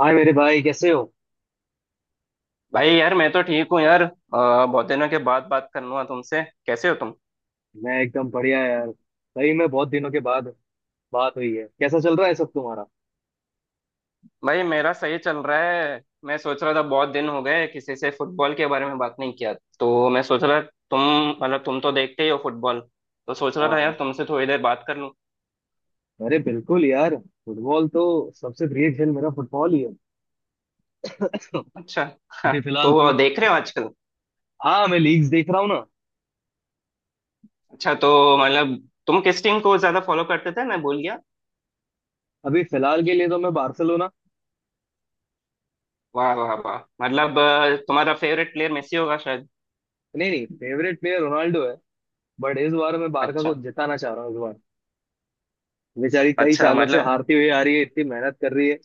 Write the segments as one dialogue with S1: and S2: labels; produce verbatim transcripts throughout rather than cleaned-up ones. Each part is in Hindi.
S1: हाय मेरे भाई, कैसे हो।
S2: भाई यार मैं तो ठीक हूँ यार अ, बहुत दिनों के बाद बात करना। तुमसे कैसे हो तुम।
S1: मैं एकदम बढ़िया यार। भाई मैं बहुत दिनों के बाद बात हुई है, कैसा चल रहा है सब तुम्हारा।
S2: भाई मेरा सही चल रहा है। मैं सोच रहा था बहुत दिन हो गए किसी से फुटबॉल के बारे में बात नहीं किया। तो मैं सोच रहा तुम, मतलब तुम तो देखते ही हो फुटबॉल, तो सोच रहा
S1: हाँ
S2: था यार
S1: हाँ,
S2: तुमसे थोड़ी देर बात कर लूँ।
S1: अरे बिल्कुल यार। फुटबॉल तो सबसे प्रिय खेल मेरा फुटबॉल ही है।
S2: अच्छा हाँ।
S1: अभी फिलहाल
S2: तो
S1: तो।
S2: देख रहे हो आजकल।
S1: हाँ मैं लीग्स देख रहा हूँ ना।
S2: अच्छा, तो मतलब तुम किस टीम को ज्यादा फॉलो करते थे मैं भूल गया।
S1: अभी फिलहाल के लिए तो मैं बार्सिलोना।
S2: वाह वाह वाह, मतलब अ, तुम्हारा फेवरेट प्लेयर मेसी होगा शायद।
S1: नहीं नहीं, फेवरेट प्लेयर रोनाल्डो है। बट इस बार मैं बारका
S2: अच्छा।
S1: को जिताना चाह रहा हूँ इस बार। बेचारी कई
S2: अच्छा
S1: सालों से
S2: मतलब,
S1: हारती हुई आ रही है, इतनी मेहनत कर रही है।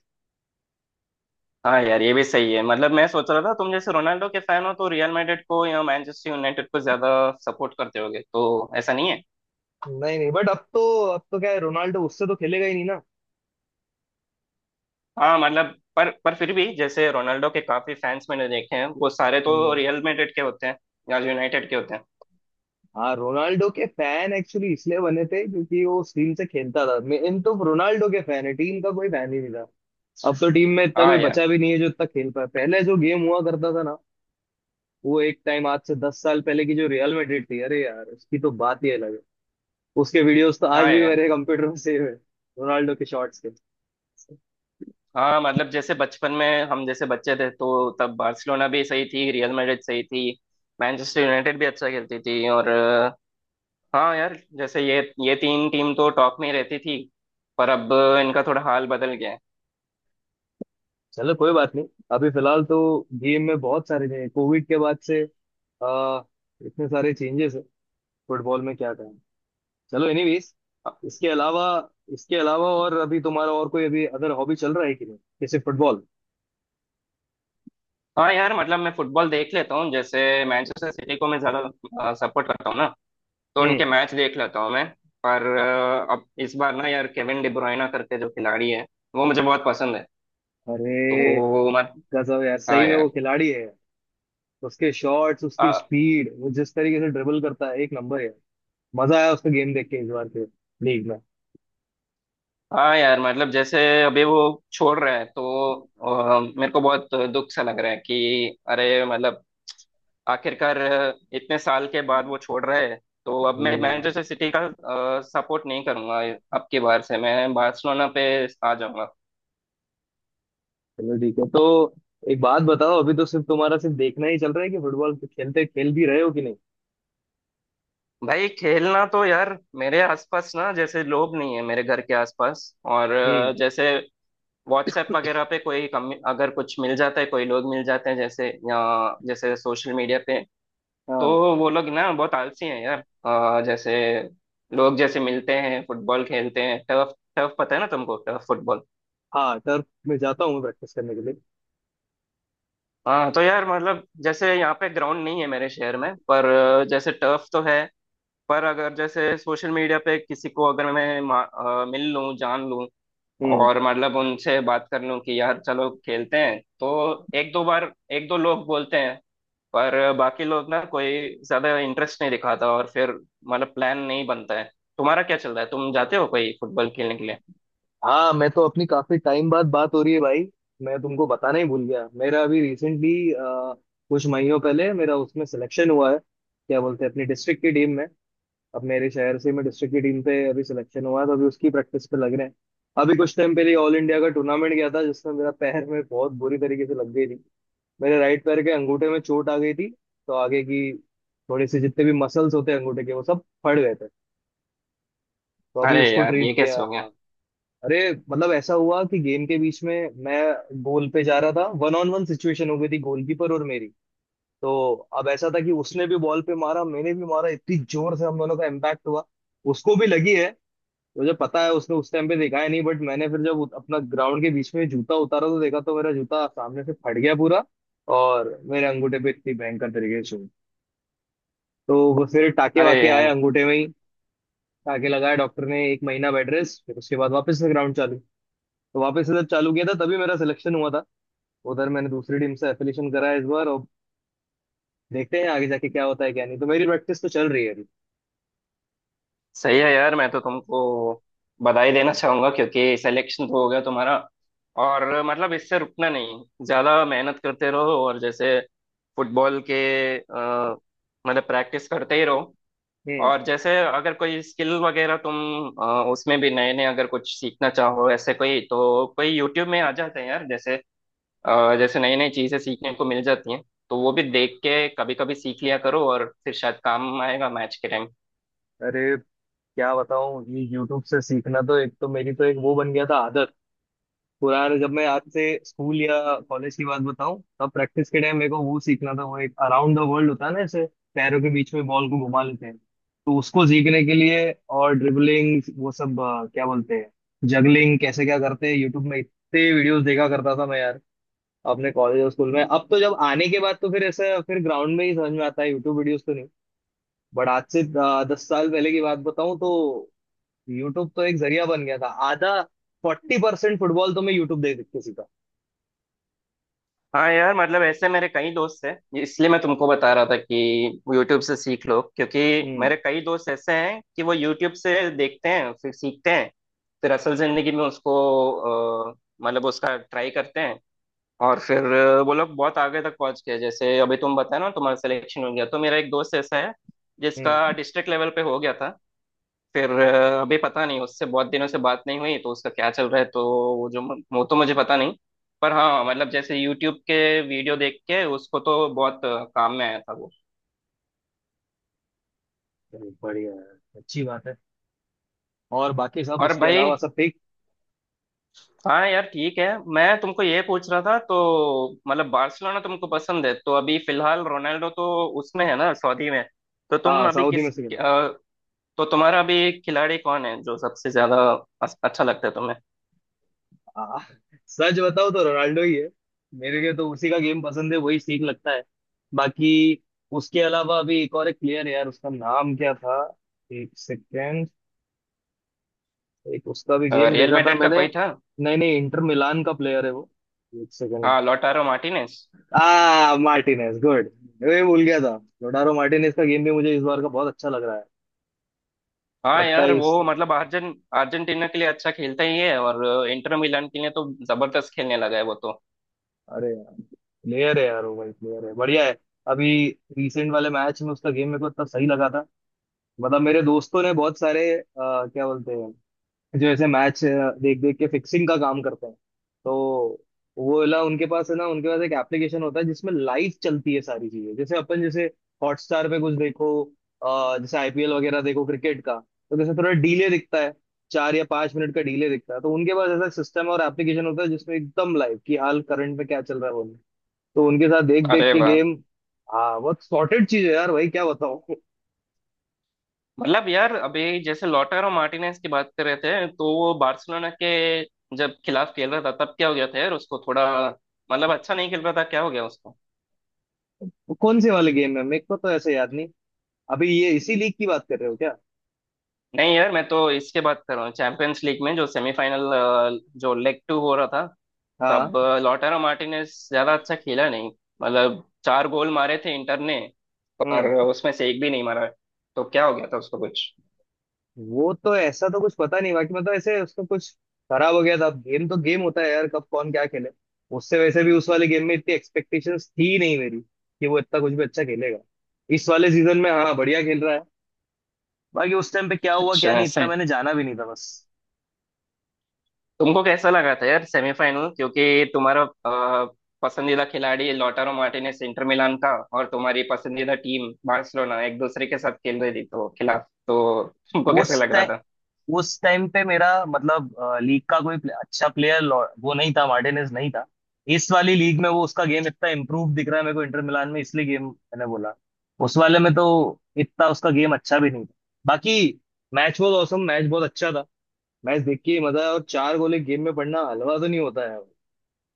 S2: हाँ यार ये भी सही है। मतलब मैं सोच रहा था तुम जैसे रोनाल्डो के फैन हो तो रियल मैड्रिड को या मैनचेस्टर यूनाइटेड को ज्यादा सपोर्ट करते होगे, तो ऐसा नहीं है।
S1: नहीं नहीं, बट अब तो, अब तो क्या है, रोनाल्डो उससे तो खेलेगा ही नहीं
S2: हाँ मतलब पर पर फिर भी जैसे रोनाल्डो के काफी फैंस मैंने देखे हैं वो सारे
S1: ना।
S2: तो रियल मैड्रिड के होते हैं या यूनाइटेड के होते हैं।
S1: हाँ रोनाल्डो के फैन एक्चुअली इसलिए बने थे क्योंकि वो उस टीम से खेलता था। मेन तो रोनाल्डो के फैन है, टीम का कोई फैन ही नहीं था। अब तो टीम में इतना
S2: हाँ
S1: कोई
S2: यार।
S1: बचा भी नहीं है जो इतना खेल पाए। पहले जो गेम हुआ करता था ना, वो एक टाइम, आज से दस साल पहले की जो रियल मैड्रिड थी, अरे यार उसकी तो बात ही अलग है। उसके वीडियोस तो आज
S2: हाँ
S1: भी
S2: यार।
S1: मेरे कंप्यूटर में सेव है, रोनाल्डो के शॉट्स के।
S2: हाँ मतलब जैसे बचपन में हम जैसे बच्चे थे तो तब बार्सिलोना भी सही थी, रियल मैड्रिड सही थी, मैनचेस्टर यूनाइटेड भी अच्छा खेलती थी। और हाँ यार जैसे ये ये तीन टीम तो टॉप में ही रहती थी। पर अब इनका थोड़ा हाल बदल गया है।
S1: चलो कोई बात नहीं, अभी फिलहाल तो गेम में बहुत सारे चेंज, कोविड के बाद से आ, इतने सारे चेंजेस है फुटबॉल में, क्या कहें। चलो एनीवेज, इसके अलावा, इसके अलावा और अभी तुम्हारा और कोई अभी अदर हॉबी चल रहा है कि नहीं, जैसे फुटबॉल।
S2: हाँ यार मतलब मैं फुटबॉल देख लेता हूँ। जैसे मैनचेस्टर सिटी को मैं ज्यादा सपोर्ट करता हूँ ना, तो
S1: हम्म।
S2: उनके मैच देख लेता हूँ मैं। पर अ, अब इस बार ना यार, केविन डी ब्रुयना करके जो खिलाड़ी है वो मुझे बहुत पसंद है। तो
S1: अरे
S2: वो मत।
S1: गजब यार,
S2: हाँ
S1: सही में वो
S2: यार।
S1: खिलाड़ी है। उसके शॉट्स, उसकी
S2: अ,
S1: स्पीड, वो जिस तरीके से ड्रिबल करता है एक नंबर है। मजा आया उसका गेम देख के, इस बार के लीग में।
S2: हाँ यार, मतलब जैसे अभी वो छोड़ रहा है तो अ, मेरे को बहुत दुख सा लग रहा है कि अरे मतलब आखिरकार अ, इतने साल के बाद वो छोड़ रहा है। तो अब मैं
S1: हम्म।
S2: मैनचेस्टर सिटी का सपोर्ट नहीं करूंगा। अब की बार से मैं बार्सिलोना पे आ जाऊंगा।
S1: चलो ठीक है तो, एक बात बताओ, अभी तो सिर्फ तुम्हारा सिर्फ देखना ही चल रहा है कि फुटबॉल खेलते खेल भी रहे हो कि नहीं।
S2: भाई खेलना तो यार, मेरे आसपास ना जैसे लोग नहीं है मेरे घर के आसपास, और
S1: हम्म।
S2: अ, जैसे व्हाट्सएप वगैरह पे कोई कम अगर कुछ मिल जाता है, कोई लोग मिल जाते हैं जैसे, या जैसे सोशल मीडिया पे,
S1: हाँ
S2: तो वो लोग ना बहुत आलसी हैं यार। अ, जैसे लोग जैसे मिलते हैं फुटबॉल खेलते हैं टर्फ, टर्फ पता है ना तुमको, टर्फ फुटबॉल।
S1: हाँ, टर्फ में जाता हूँ मैं प्रैक्टिस करने के लिए।
S2: हाँ तो यार मतलब जैसे यहाँ पे ग्राउंड नहीं है मेरे शहर में, पर अ, जैसे टर्फ तो है। पर अगर जैसे सोशल मीडिया पे किसी को अगर मैं मा- अ, मिल लूँ जान लूँ
S1: हम्म।
S2: और मतलब उनसे बात कर लूँ कि यार चलो खेलते हैं, तो एक दो बार एक दो लोग बोलते हैं पर बाकी लोग ना कोई ज्यादा इंटरेस्ट नहीं दिखाता, और फिर मतलब प्लान नहीं बनता है। तुम्हारा क्या चल रहा है, तुम जाते हो कोई फुटबॉल खेलने के लिए।
S1: हाँ मैं तो, अपनी काफी टाइम बाद बात हो रही है भाई, मैं तुमको बताना ही भूल गया। मेरा अभी रिसेंटली, कुछ महीनों पहले मेरा उसमें सिलेक्शन हुआ है क्या बोलते हैं, अपनी डिस्ट्रिक्ट की टीम में। अब मेरे शहर से मैं डिस्ट्रिक्ट की टीम पे अभी सिलेक्शन हुआ है, तो अभी उसकी प्रैक्टिस पे लग रहे हैं। अभी कुछ टाइम पहले ऑल इंडिया का टूर्नामेंट गया था जिसमें मेरा पैर में बहुत बुरी तरीके से लग गई थी। मेरे राइट पैर के अंगूठे में चोट आ गई थी। तो आगे की थोड़ी सी, जितने भी मसल्स होते हैं अंगूठे के, वो सब फट गए थे। तो अभी
S2: अरे
S1: उसको
S2: यार
S1: ट्रीट
S2: ये
S1: किया।
S2: कैसे हो
S1: हाँ,
S2: गया।
S1: अरे मतलब ऐसा हुआ कि गेम के बीच में मैं गोल पे जा रहा था, वन ऑन वन सिचुएशन हो गई थी गोलकीपर और मेरी। तो अब ऐसा था कि उसने भी बॉल पे मारा, मैंने भी मारा, इतनी जोर से हम दोनों का इम्पैक्ट हुआ। उसको भी लगी है, मुझे पता है। उसने उस टाइम पे देखा है नहीं, बट मैंने फिर जब उत- अपना ग्राउंड के बीच में जूता उतारा, तो देखा तो मेरा जूता सामने से फट गया पूरा। और मेरे अंगूठे पे इतनी भयंकर तरीके से चोट। तो वो फिर टाके
S2: अरे
S1: वाके आए
S2: यार
S1: अंगूठे में ही। टाके लगाया डॉक्टर ने, एक महीना बेड रेस्ट, फिर उसके बाद वापस से ग्राउंड चालू। तो वापस से जब चालू किया था तभी मेरा सिलेक्शन हुआ था। उधर मैंने दूसरी टीम से एफिलिएशन करा है इस बार। और देखते हैं आगे जाके क्या होता है क्या नहीं, तो मेरी प्रैक्टिस तो चल रही है अभी।
S2: सही है यार, मैं तो तुमको बधाई देना चाहूंगा क्योंकि सिलेक्शन तो हो गया तुम्हारा। और मतलब इससे रुकना नहीं, ज्यादा मेहनत करते रहो, और जैसे फुटबॉल के, अ, मतलब प्रैक्टिस करते ही रहो।
S1: हम्म।
S2: और जैसे अगर कोई स्किल वगैरह तुम अ, उसमें भी नए नए अगर कुछ सीखना चाहो, ऐसे कोई तो कोई यूट्यूब में आ जाते हैं यार जैसे, अ, जैसे नई नई चीजें सीखने को मिल जाती हैं। तो वो भी देख के कभी कभी सीख लिया करो, और फिर शायद काम आएगा मैच के टाइम।
S1: अरे क्या बताऊं, ये यूट्यूब से सीखना तो एक, तो मेरी तो एक वो बन गया था आदत। पुराने जब मैं, आज से स्कूल या कॉलेज की बात बताऊं, तब प्रैक्टिस के टाइम मेरे को वो सीखना था। वो एक अराउंड द वर्ल्ड होता है ना ऐसे, पैरों के बीच में बॉल को घुमा लेते हैं। तो उसको सीखने के लिए, और ड्रिबलिंग वो सब, अ, क्या बोलते हैं, जगलिंग कैसे क्या करते हैं, यूट्यूब में इतने वीडियोस देखा करता था मैं यार, अपने कॉलेज और स्कूल में। अब तो जब आने के बाद तो फिर ऐसे, फिर ग्राउंड में ही समझ में आता है, यूट्यूब वीडियोस तो नहीं। बट आज से अ, दस साल पहले की बात बताऊं तो, यूट्यूब तो एक जरिया बन गया था। आधा फोर्टी परसेंट फुटबॉल तो मैं यूट्यूब देख देख के सीखा।
S2: हाँ यार मतलब ऐसे मेरे कई दोस्त हैं, ये इसलिए मैं तुमको बता रहा था कि यूट्यूब से सीख लो, क्योंकि
S1: हम्म।
S2: मेरे कई दोस्त ऐसे हैं कि वो यूट्यूब से देखते हैं फिर सीखते हैं, फिर असल जिंदगी में उसको अ, मतलब उसका ट्राई करते हैं। और फिर अ, वो लोग बहुत आगे तक पहुंच गए। जैसे अभी तुम बताया ना तुम्हारा सिलेक्शन हो गया, तो मेरा एक दोस्त ऐसा है जिसका
S1: हम्म।
S2: डिस्ट्रिक्ट लेवल पे हो गया था। फिर अ, अभी पता नहीं, उससे बहुत दिनों से बात नहीं हुई तो उसका क्या चल रहा है तो वो जो, वो तो मुझे पता नहीं। पर हाँ मतलब जैसे यूट्यूब के वीडियो देख के उसको तो बहुत अ, काम में आया था वो।
S1: चलो, बढ़िया है, अच्छी बात है। और बाकी सब
S2: और
S1: इसके
S2: भाई
S1: अलावा सब ठीक।
S2: हाँ यार ठीक है। मैं तुमको ये पूछ रहा था तो, मतलब बार्सिलोना तुमको पसंद है तो अभी फिलहाल रोनाल्डो तो उसमें है ना सऊदी में, तो तुम
S1: हाँ,
S2: अभी
S1: सऊदी में
S2: किस,
S1: सीखना।
S2: अ, तो तुम्हारा अभी खिलाड़ी कौन है जो सबसे ज्यादा अस- अच्छा लगता है तुम्हें।
S1: हाँ, सच बताओ तो रोनाल्डो ही है। मेरे लिए तो उसी का गेम पसंद है, वही ठीक लगता है। बाकी उसके अलावा अभी एक और एक प्लेयर है यार, उसका नाम क्या था, एक सेकेंड, एक उसका भी
S2: अ,
S1: गेम
S2: रियल
S1: देखा था
S2: मैड्रिड का
S1: मैंने।
S2: कोई था।
S1: नहीं नहीं, इंटर मिलान का प्लेयर है वो। एक सेकंड।
S2: हाँ लोटारो मार्टिनेज।
S1: आ मार्टिनेज, गुड। मैं भूल गया था। लोडारो मार्टिनेज का गेम भी मुझे इस बार का बहुत अच्छा लग रहा है।
S2: हाँ
S1: लगता है
S2: यार
S1: इस,
S2: वो मतलब अर्जन अर्जेंटीना के लिए अच्छा खेलता ही है और इंटर मिलान के लिए तो जबरदस्त खेलने लगा है वो तो।
S1: अरे यार, प्लेयर है यार वो भाई, प्लेयर है, बढ़िया है। अभी रिसेंट वाले मैच में उसका गेम मेरे को इतना सही लगा था। मतलब मेरे दोस्तों ने बहुत सारे, अ, क्या बोलते हैं, जो ऐसे मैच देख देख के फिक्सिंग का काम करते हैं। तो वो वाला उनके पास है ना, उनके पास एक एप्लीकेशन होता है जिसमें लाइव चलती है सारी चीजें। जैसे अपन जैसे हॉटस्टार पे कुछ देखो, अ, जैसे आईपीएल वगैरह देखो क्रिकेट का, तो जैसे थोड़ा डीले दिखता है। चार या पांच मिनट का डीले दिखता है। तो उनके पास ऐसा सिस्टम और एप्लीकेशन होता है जिसमें एकदम लाइव कि हाल करंट में क्या चल रहा है वो। तो उनके साथ देख देख
S2: अरे
S1: के
S2: वाह।
S1: गेम। हाँ, बहुत सॉर्टेड चीज है यार भाई, क्या बताऊं।
S2: मतलब यार अभी जैसे लॉटारो मार्टिनेज की बात कर रहे थे, तो वो बार्सिलोना के जब खिलाफ खेल रहा था तब क्या हो गया था यार उसको थोड़ा, मतलब अच्छा नहीं खेल रहा था, क्या हो गया उसको।
S1: कौन से वाले गेम है, मेरे को तो ऐसे याद नहीं। अभी ये इसी लीग की बात कर रहे हो।
S2: नहीं यार मैं तो इसके बात कर रहा हूँ, चैंपियंस लीग में जो सेमीफाइनल, जो लेग टू हो रहा था,
S1: हाँ।
S2: तब लॉटारो मार्टिनेज ज्यादा अच्छा खेला नहीं। मतलब चार गोल मारे थे इंटर ने,
S1: हम्म।
S2: पर उसमें से एक भी नहीं मारा। तो क्या हो गया था उसको कुछ।
S1: वो तो ऐसा तो कुछ पता नहीं बाकी, मतलब ऐसे उसका कुछ खराब हो गया था। अब गेम तो गेम होता है यार, कब कौन क्या खेले। उससे वैसे भी उस वाले गेम में इतनी एक्सपेक्टेशंस थी नहीं मेरी कि वो इतना कुछ भी अच्छा खेलेगा। इस वाले सीजन में हाँ बढ़िया खेल रहा है। बाकी उस टाइम पे क्या हुआ क्या
S2: अच्छा
S1: नहीं,
S2: ऐसा
S1: इतना
S2: है।
S1: मैंने जाना भी नहीं था बस।
S2: तुमको कैसा लगा था यार सेमीफाइनल, क्योंकि तुम्हारा अ, पसंदीदा खिलाड़ी लॉटारो मार्टिनेज इंटर मिलान का, और तुम्हारी पसंदीदा टीम बार्सिलोना एक दूसरे के साथ खेल रही थी तो खिलाफ, तो तुमको कैसे
S1: उस
S2: लग रहा
S1: टाइम
S2: था।
S1: उस टाइम पे मेरा मतलब, लीग का कोई प्ले- अच्छा प्लेयर वो नहीं था, मार्टिनेज नहीं था। इस वाली लीग में वो, उसका गेम इतना इम्प्रूव दिख रहा है मेरे को इंटर मिलान में, इसलिए गेम मैंने बोला। उस वाले में तो इतना उसका गेम अच्छा भी नहीं था। बाकी मैच बहुत औसम, मैच बहुत अच्छा था। मैच देख के ही मजा आया। और चार गोले गेम में पड़ना हलवा तो नहीं होता है,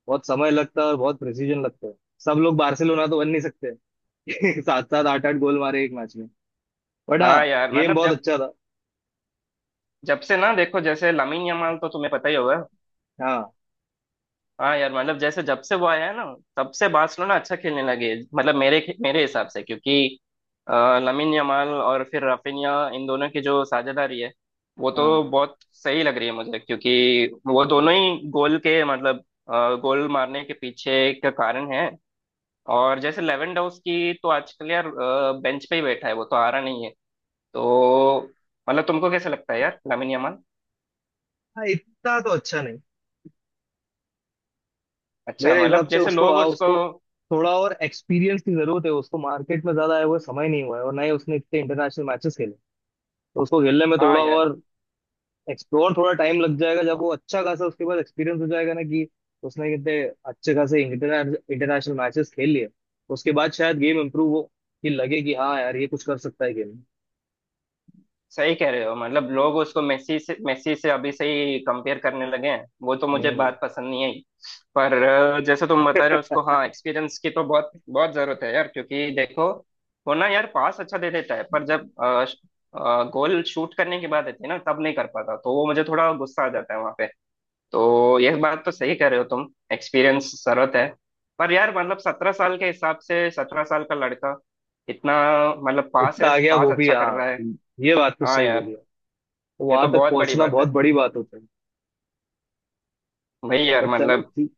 S1: बहुत समय लगता है और बहुत प्रिसीजन लगता है। सब लोग बार्सिलोना तो बन नहीं सकते। सात सात आठ आठ गोल मारे एक मैच में। बट हाँ,
S2: हाँ यार
S1: गेम
S2: मतलब
S1: बहुत
S2: जब,
S1: अच्छा था।
S2: जब से ना देखो जैसे लामिन यमाल तो तुम्हें पता ही होगा।
S1: हाँ।
S2: हाँ यार मतलब जैसे जब से वो आया है ना, तब से बार्सिलोना अच्छा खेलने लगे मतलब मेरे मेरे हिसाब से, क्योंकि अ, लामिन यमाल और फिर राफिनिया, इन दोनों की जो साझेदारी है वो
S1: हाँ,
S2: तो बहुत सही लग रही है मुझे, क्योंकि वो दोनों ही गोल के मतलब अ, गोल मारने के पीछे का कारण है। और जैसे लेवेंडोव्स्की तो आजकल यार बेंच पे ही बैठा है, वो तो आ रहा नहीं है। तो मतलब तुमको कैसा लगता है यार लामिन यमाल।
S1: हाँ, इतना तो अच्छा नहीं।
S2: अच्छा,
S1: मेरे हिसाब
S2: मतलब
S1: से
S2: जैसे
S1: उसको
S2: लोग
S1: आ
S2: उसको,
S1: उसको थोड़ा और एक्सपीरियंस की जरूरत है। उसको मार्केट में ज्यादा आए हुए समय नहीं हुआ है, और ना ही उसने इतने इंटरनेशनल मैचेस खेले। तो उसको खेलने में
S2: हाँ
S1: थोड़ा
S2: यार
S1: और एक्सप्लोर, थोड़ा टाइम लग जाएगा जब वो अच्छा खासा उसके पास एक्सपीरियंस हो जाएगा, ना कि उसने कितने अच्छे खासे इंटरनेशनल मैचेस खेल लिए, उसके बाद शायद गेम इम्प्रूव हो, कि लगे कि हाँ यार ये कुछ कर सकता है गेम में।
S2: सही कह रहे हो। मतलब लोग उसको मेसी से मेसी से अभी से ही कंपेयर करने लगे हैं, वो तो मुझे
S1: हम्म।
S2: बात पसंद नहीं आई। पर अ, जैसे तुम बता रहे हो उसको, हाँ एक्सपीरियंस की तो बहुत बहुत जरूरत है यार, क्योंकि देखो वो ना यार पास अच्छा दे देता है पर जब गोल शूट करने की बात आती है ना, तब नहीं कर पाता, तो वो मुझे थोड़ा गुस्सा आ जाता है वहां पे। तो यह बात तो सही कह रहे हो तुम, एक्सपीरियंस जरूरत है। पर यार मतलब सत्रह साल के हिसाब से, सत्रह साल का लड़का इतना, मतलब पास
S1: इतना
S2: है,
S1: आ गया
S2: पास
S1: वो भी,
S2: अच्छा कर
S1: हाँ
S2: रहा है।
S1: ये बात तो
S2: हाँ
S1: सही
S2: यार
S1: बोली।
S2: ये
S1: वहां
S2: तो
S1: तक
S2: बहुत बड़ी
S1: पहुंचना
S2: बात
S1: बहुत
S2: है।
S1: बड़ी बात होती है।
S2: भाई यार
S1: बट चलो,
S2: मतलब,
S1: ठीक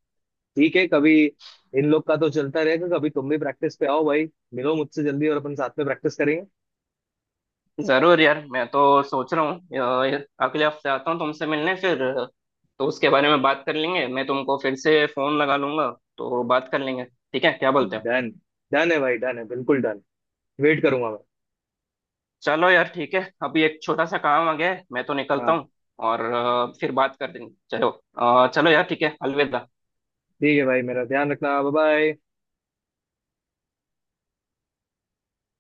S1: ठीक है कभी। इन लोग का तो चलता रहेगा, कभी तुम भी प्रैक्टिस पे आओ भाई, मिलो मुझसे जल्दी और अपन साथ में प्रैक्टिस करेंगे।
S2: जरूर यार मैं तो सोच रहा हूँ अ, अगले हफ्ते आता हूँ तुमसे मिलने, फिर अ, तो उसके बारे में बात कर लेंगे। मैं तुमको फिर से फोन लगा लूंगा, तो बात कर लेंगे। ठीक है क्या बोलते हो।
S1: डन, डन है भाई, डन है, बिल्कुल डन। वेट करूंगा मैं।
S2: चलो यार ठीक है, अभी एक छोटा सा काम आ गया है मैं तो निकलता
S1: हाँ।
S2: हूँ, और अ, फिर बात कर देंगे। चलो, अ, चलो यार ठीक है, अलविदा।
S1: ठीक है भाई, मेरा ध्यान रखना, बाय बाय।